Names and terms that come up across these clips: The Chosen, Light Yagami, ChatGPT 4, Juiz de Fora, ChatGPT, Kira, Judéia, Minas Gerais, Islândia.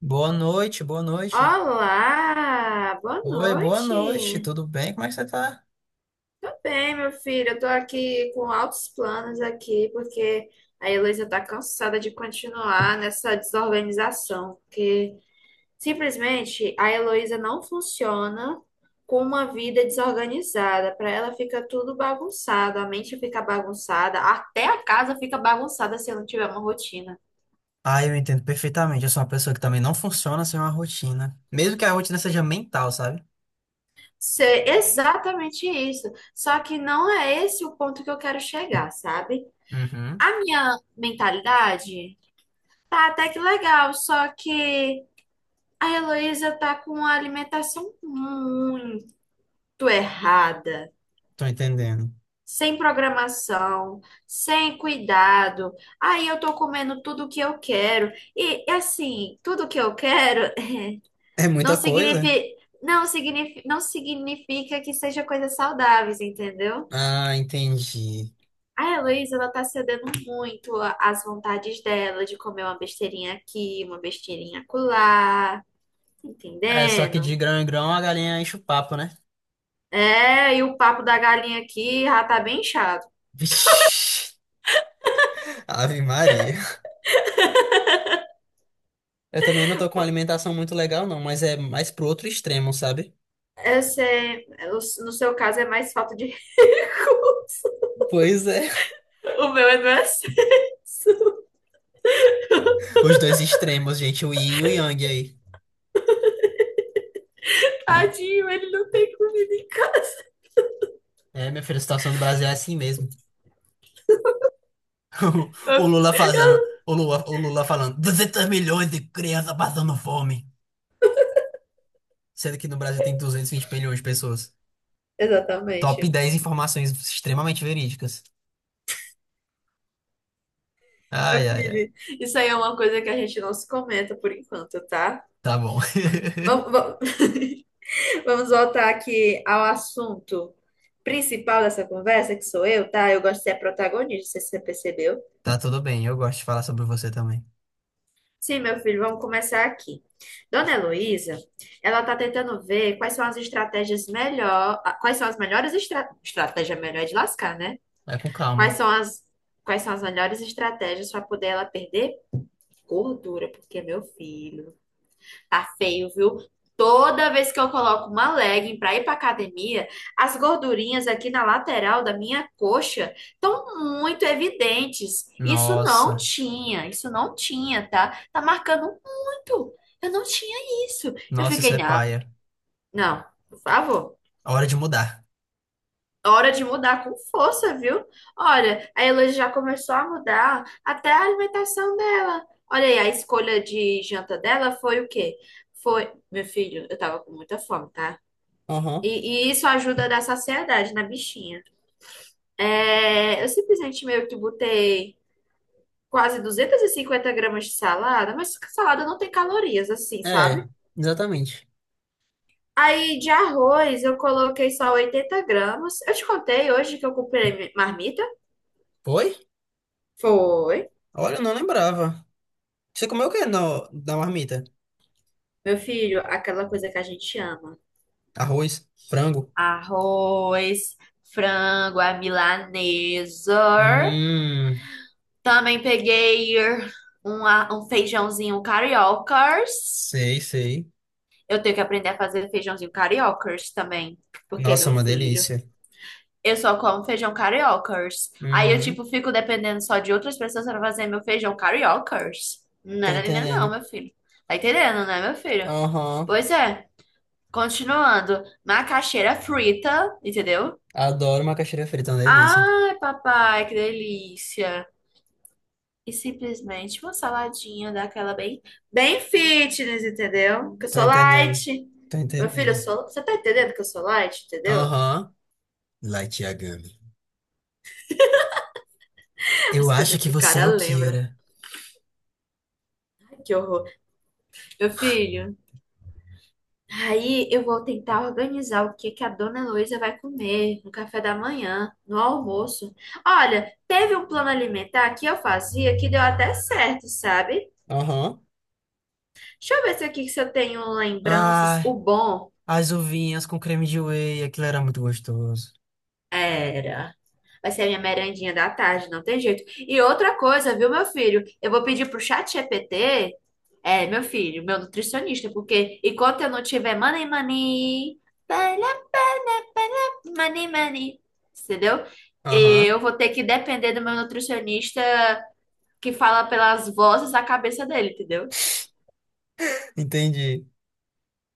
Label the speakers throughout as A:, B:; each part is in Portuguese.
A: Boa noite, boa noite.
B: Olá, boa
A: Oi, boa noite,
B: noite.
A: tudo bem? Como é que você tá?
B: Tudo bem, meu filho? Eu tô aqui com altos planos aqui, porque a Heloísa tá cansada de continuar nessa desorganização, porque simplesmente a Heloísa não funciona com uma vida desorganizada. Para ela fica tudo bagunçado, a mente fica bagunçada, até a casa fica bagunçada se não tiver uma rotina.
A: Ah, eu entendo perfeitamente. Eu sou uma pessoa que também não funciona sem uma rotina. Mesmo que a rotina seja mental, sabe?
B: Ser exatamente isso. Só que não é esse o ponto que eu quero chegar, sabe?
A: Uhum,
B: A minha mentalidade tá até que legal, só que a Heloísa tá com uma alimentação muito errada,
A: tô entendendo.
B: sem programação, sem cuidado. Aí eu tô comendo tudo que eu quero. E assim, tudo que eu quero
A: É
B: não
A: muita coisa?
B: significa, não significa que seja coisas saudáveis, entendeu?
A: Ah, entendi.
B: A Heloísa, ela tá cedendo muito às vontades dela de comer uma besteirinha aqui, uma besteirinha acolá, tá
A: É, só que
B: entendendo?
A: de grão em grão a galinha enche o papo, né?
B: É, e o papo da galinha aqui já tá bem chato.
A: Vixe, Ave Maria. Eu também não tô com uma alimentação muito legal, não, mas é mais pro outro extremo, sabe?
B: Eu sei, no seu caso é mais falta de recursos.
A: Pois é.
B: O meu é do excesso.
A: Os dois extremos, gente, o yin e o yang aí.
B: Tadinho, ele não tem comida em casa.
A: É, minha filha, a situação do Brasil é assim mesmo.
B: Meu
A: O Lula
B: fi-
A: fazendo, o Lula falando 200 milhões de crianças passando fome, sendo que no Brasil tem 220 milhões de pessoas. Top
B: Exatamente.
A: 10 informações extremamente verídicas.
B: Meu
A: Ai, ai, ai.
B: filho, isso aí é uma coisa que a gente não se comenta por enquanto, tá?
A: Tá bom.
B: Vamos, Vamos voltar aqui ao assunto principal dessa conversa, que sou eu, tá? Eu gosto de ser a protagonista, não sei se você percebeu.
A: Tá tudo bem, eu gosto de falar sobre você também.
B: Sim, meu filho, vamos começar aqui. Dona Heloísa, ela tá tentando ver quais são as estratégias melhor, quais são as melhores estratégia melhor é de lascar, né?
A: Vai com
B: Quais
A: calma.
B: são as quais são as melhores estratégias para poder ela perder gordura, porque meu filho, tá feio, viu? Toda vez que eu coloco uma legging pra ir pra academia, as gordurinhas aqui na lateral da minha coxa estão muito evidentes.
A: Nossa,
B: Isso não tinha, tá? Tá marcando muito. Eu não tinha isso. Eu
A: nossa, isso
B: fiquei,
A: é
B: não,
A: paia.
B: não, por favor.
A: Hora de mudar.
B: Hora de mudar com força, viu? Olha, a Heloísa já começou a mudar até a alimentação dela. Olha aí, a escolha de janta dela foi o quê? Foi, meu filho, eu tava com muita fome, tá?
A: Uhum.
B: E isso ajuda a dar saciedade na bichinha. É, eu simplesmente meio que botei quase 250 gramas de salada, mas salada não tem calorias, assim, sabe?
A: É, exatamente.
B: Aí de arroz eu coloquei só 80 gramas. Eu te contei hoje que eu comprei marmita?
A: Foi?
B: Foi.
A: Olha, eu não lembrava. Você comeu o que no, da marmita?
B: Meu filho, aquela coisa que a gente ama.
A: Arroz? Frango?
B: Arroz, frango, a milanesa.
A: Hum,
B: Também peguei um feijãozinho cariocas.
A: sei, sei.
B: Eu tenho que aprender a fazer feijãozinho cariocas também, porque é
A: Nossa,
B: meu
A: uma
B: filho.
A: delícia.
B: Eu só como feijão cariocas. Aí eu,
A: Uhum.
B: tipo, fico dependendo só de outras pessoas para fazer meu feijão cariocas. Não,
A: Tô
B: não, não, não,
A: entendendo.
B: meu filho. Tá entendendo, né, meu filho?
A: Aham.
B: Pois é. Continuando, macaxeira frita, entendeu?
A: Adoro macaxeira frita, é uma delícia.
B: Ai, papai, que delícia. E simplesmente uma saladinha daquela bem, bem fitness, entendeu? Que eu
A: Tô
B: sou
A: entendendo.
B: light.
A: Tô
B: Meu filho, eu
A: entendendo.
B: sou. Você tá entendendo que eu sou light, entendeu?
A: Aham. Light Yagami. Eu
B: As
A: acho
B: coisas
A: que
B: que o
A: você
B: cara
A: é o
B: lembra.
A: Kira.
B: Ai, que horror. Meu filho, aí eu vou tentar organizar o que que a dona Heloísa vai comer no café da manhã, no almoço. Olha, teve um plano alimentar que eu fazia que deu até certo, sabe?
A: Aham.
B: Deixa eu ver se aqui se eu tenho lembranças. O
A: Ai,
B: bom
A: as uvinhas com creme de whey, aquilo era muito gostoso.
B: era. Vai ser a minha merendinha da tarde, não tem jeito. E outra coisa, viu, meu filho? Eu vou pedir pro chat ChatGPT, é, meu filho, meu nutricionista, porque enquanto eu não tiver money, money, para, para, money, money, entendeu?
A: Aham.
B: Eu vou ter que depender do meu nutricionista que fala pelas vozes da cabeça dele, entendeu?
A: Entendi.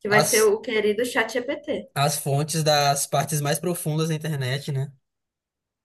B: Que vai ser
A: As,
B: o querido chat ChatGPT.
A: as fontes das partes mais profundas da internet, né?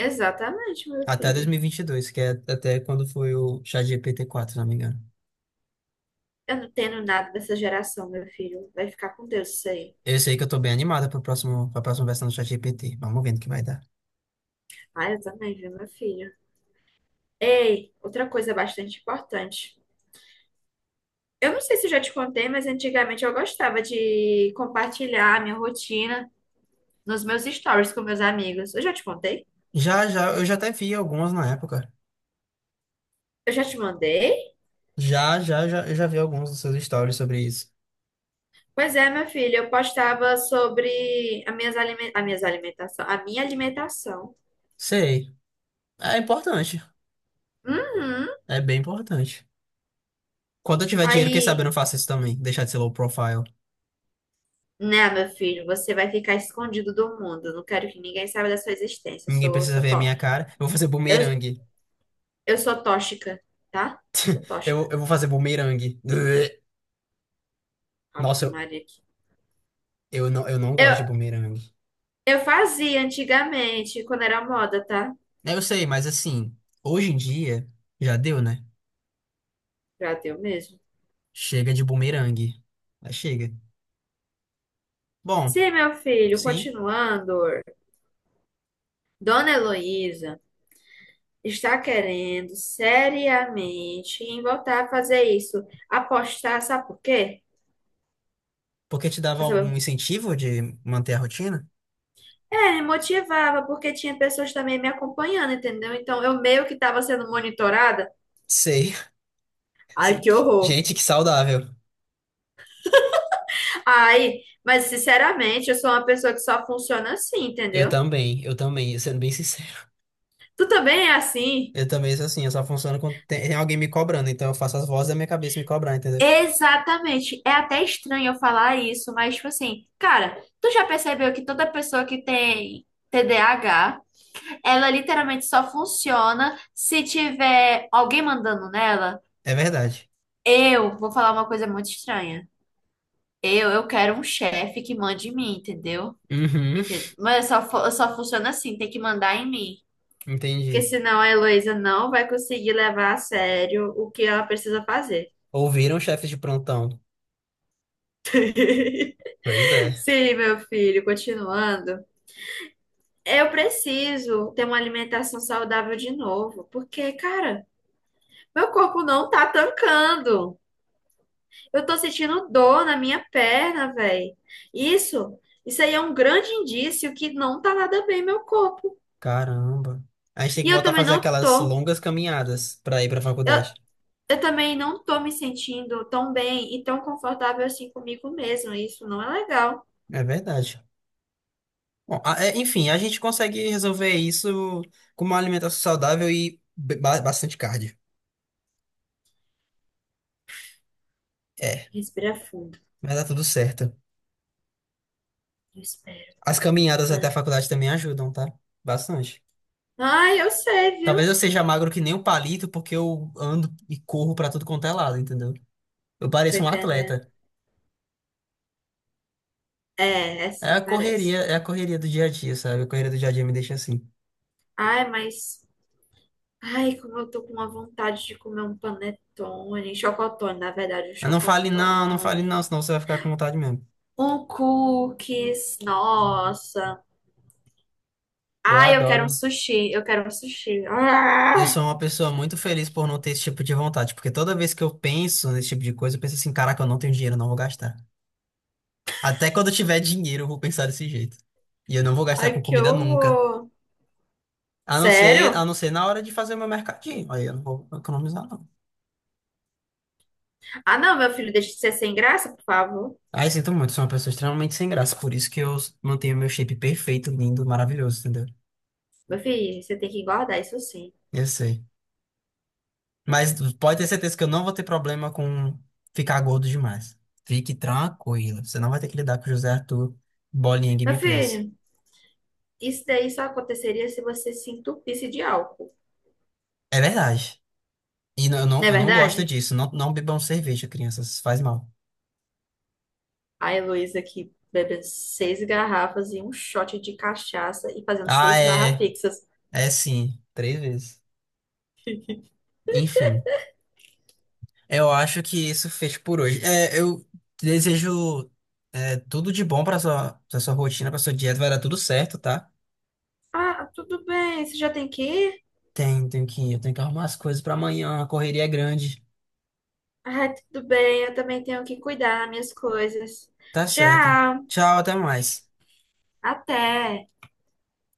B: Exatamente, meu
A: Até
B: filho.
A: 2022, que é até quando foi o ChatGPT 4, se não me engano.
B: Eu não entendo nada dessa geração, meu filho. Vai ficar com Deus isso aí.
A: Eu sei que eu tô bem animada pro próximo, pra próxima versão do ChatGPT. Vamos vendo o que vai dar.
B: Ah, eu também, viu, meu filho? Ei, outra coisa bastante importante. Eu não sei se eu já te contei, mas antigamente eu gostava de compartilhar a minha rotina nos meus stories com meus amigos. Eu já te contei?
A: Já, já, eu já até vi algumas na época.
B: Eu já te mandei?
A: Já, já, já, eu já vi alguns dos seus stories sobre isso.
B: Pois é, meu filho, eu postava sobre as as minhas alimentação, a minha alimentação.
A: Sei. É importante.
B: Uhum.
A: É bem importante. Quando eu tiver dinheiro, quem sabe eu
B: Aí,
A: não faço isso também. Deixar de ser low profile.
B: né, meu filho, você vai ficar escondido do mundo. Não quero que ninguém saiba da sua existência. Eu
A: Ninguém
B: sou,
A: precisa
B: sou
A: ver a
B: pobre.
A: minha cara. Eu vou fazer
B: Eu,
A: bumerangue.
B: eu sou tóxica, tá? Sou
A: Eu,
B: tóxica.
A: eu vou fazer bumerangue. Ugh.
B: Ave
A: Nossa,
B: Maria aqui.
A: eu não
B: Eu,
A: gosto de bumerangue.
B: eu fazia antigamente, quando era moda, tá?
A: Eu sei, mas assim, hoje em dia, já deu, né?
B: Pra teu mesmo.
A: Chega de bumerangue. Mas chega. Bom.
B: Sim, meu filho,
A: Sim.
B: continuando, Dona Heloísa está querendo seriamente em voltar a fazer isso. Apostar, sabe por quê?
A: Porque te dava
B: Pra saber-
A: algum incentivo de manter a rotina?
B: É, me motivava, porque tinha pessoas também me acompanhando, entendeu? Então eu meio que estava sendo monitorada.
A: Sei.
B: Ai, que horror!
A: Gente, que saudável.
B: Ai, mas sinceramente, eu sou uma pessoa que só funciona assim, entendeu?
A: Eu também, sendo bem sincero.
B: Tu também é assim?
A: Eu também sou assim, eu só funciono quando tem alguém me cobrando, então eu faço as vozes da minha cabeça me cobrar, entendeu?
B: Exatamente. É até estranho eu falar isso, mas tipo assim, cara, tu já percebeu que toda pessoa que tem TDAH, ela literalmente só funciona se tiver alguém mandando nela?
A: É verdade.
B: Eu vou falar uma coisa muito estranha. Eu quero um chefe que mande em mim, entendeu?
A: Uhum,
B: Mas eu só funciona assim, tem que mandar em mim. Porque
A: entendi.
B: senão a Heloísa não vai conseguir levar a sério o que ela precisa fazer.
A: Ouviram, chefe de prontão? Pois é.
B: Sim, meu filho, continuando. Eu preciso ter uma alimentação saudável de novo, porque, cara, meu corpo não tá tancando. Eu tô sentindo dor na minha perna, velho. Isso, isso aí é um grande indício que não tá nada bem meu corpo.
A: Caramba. A gente tem
B: E
A: que
B: eu
A: voltar a
B: também
A: fazer
B: não
A: aquelas
B: tô.
A: longas caminhadas pra ir pra
B: Eu,
A: faculdade.
B: eu também não tô me sentindo tão bem e tão confortável assim comigo mesma. Isso não é legal.
A: É verdade. Bom, é, enfim, a gente consegue resolver isso com uma alimentação saudável e bastante cardio. É,
B: Respira fundo.
A: mas dá tudo certo.
B: Eu espero.
A: As caminhadas até a
B: Né?
A: faculdade também ajudam, tá? Bastante.
B: Ai, eu sei,
A: Talvez
B: viu?
A: eu seja magro que nem um palito, porque eu ando e corro pra tudo quanto é lado, entendeu? Eu
B: Tô
A: pareço um
B: entendendo.
A: atleta.
B: É, é assim, parece.
A: É a correria do dia a dia, sabe? A correria do dia a dia me deixa assim.
B: Ai, mas. Ai, como eu tô com uma vontade de comer um panetone. Um chocotone, na verdade, um
A: Mas não fale não, não fale não,
B: chocotone.
A: senão você vai ficar com vontade mesmo.
B: Um cookies. Nossa.
A: Eu
B: Ai, eu quero um
A: adoro.
B: sushi. Eu quero um sushi.
A: Eu
B: Ah,
A: sou uma pessoa muito feliz por não ter esse tipo de vontade, porque toda vez que eu penso nesse tipo de coisa, eu penso assim, caraca, eu não tenho dinheiro, eu não vou gastar. Até quando eu tiver dinheiro, eu vou pensar desse jeito. E eu não vou gastar
B: ai,
A: com
B: que
A: comida nunca.
B: horror.
A: A
B: Sério?
A: não ser na hora de fazer o meu mercadinho. Aí eu não vou economizar, não.
B: Ah, não, meu filho, deixa de ser sem graça, por favor.
A: Aí sinto muito, sou uma pessoa extremamente sem graça. Por isso que eu mantenho meu shape perfeito, lindo, maravilhoso, entendeu?
B: Meu filho, você tem que engordar, isso sim.
A: Eu sei. Mas pode ter certeza que eu não vou ter problema com ficar gordo demais. Fique tranquilo. Você não vai ter que lidar com o José Arthur bolinha
B: Meu
A: Game Please.
B: filho. Isso daí só aconteceria se você se entupisse de álcool,
A: É verdade. E não- eu não,
B: não é
A: eu não gosto
B: verdade?
A: disso. Não, não bebam cerveja, crianças. Faz mal.
B: A Heloísa aqui bebendo 6 garrafas e um shot de cachaça e fazendo
A: Ah,
B: seis barra
A: é.
B: fixas.
A: É sim. Três vezes. Enfim. Eu acho que isso fez por hoje. É, eu desejo é, tudo de bom para sua, pra sua rotina, para sua dieta, vai dar tudo certo, tá?
B: Ah, tudo bem, você já tem que ir?
A: Tem, eu tenho que arrumar as coisas para amanhã, a correria é grande.
B: Ah, tudo bem, eu também tenho que cuidar das minhas coisas.
A: Tá certo.
B: Tchau,
A: Tchau, até mais.
B: até.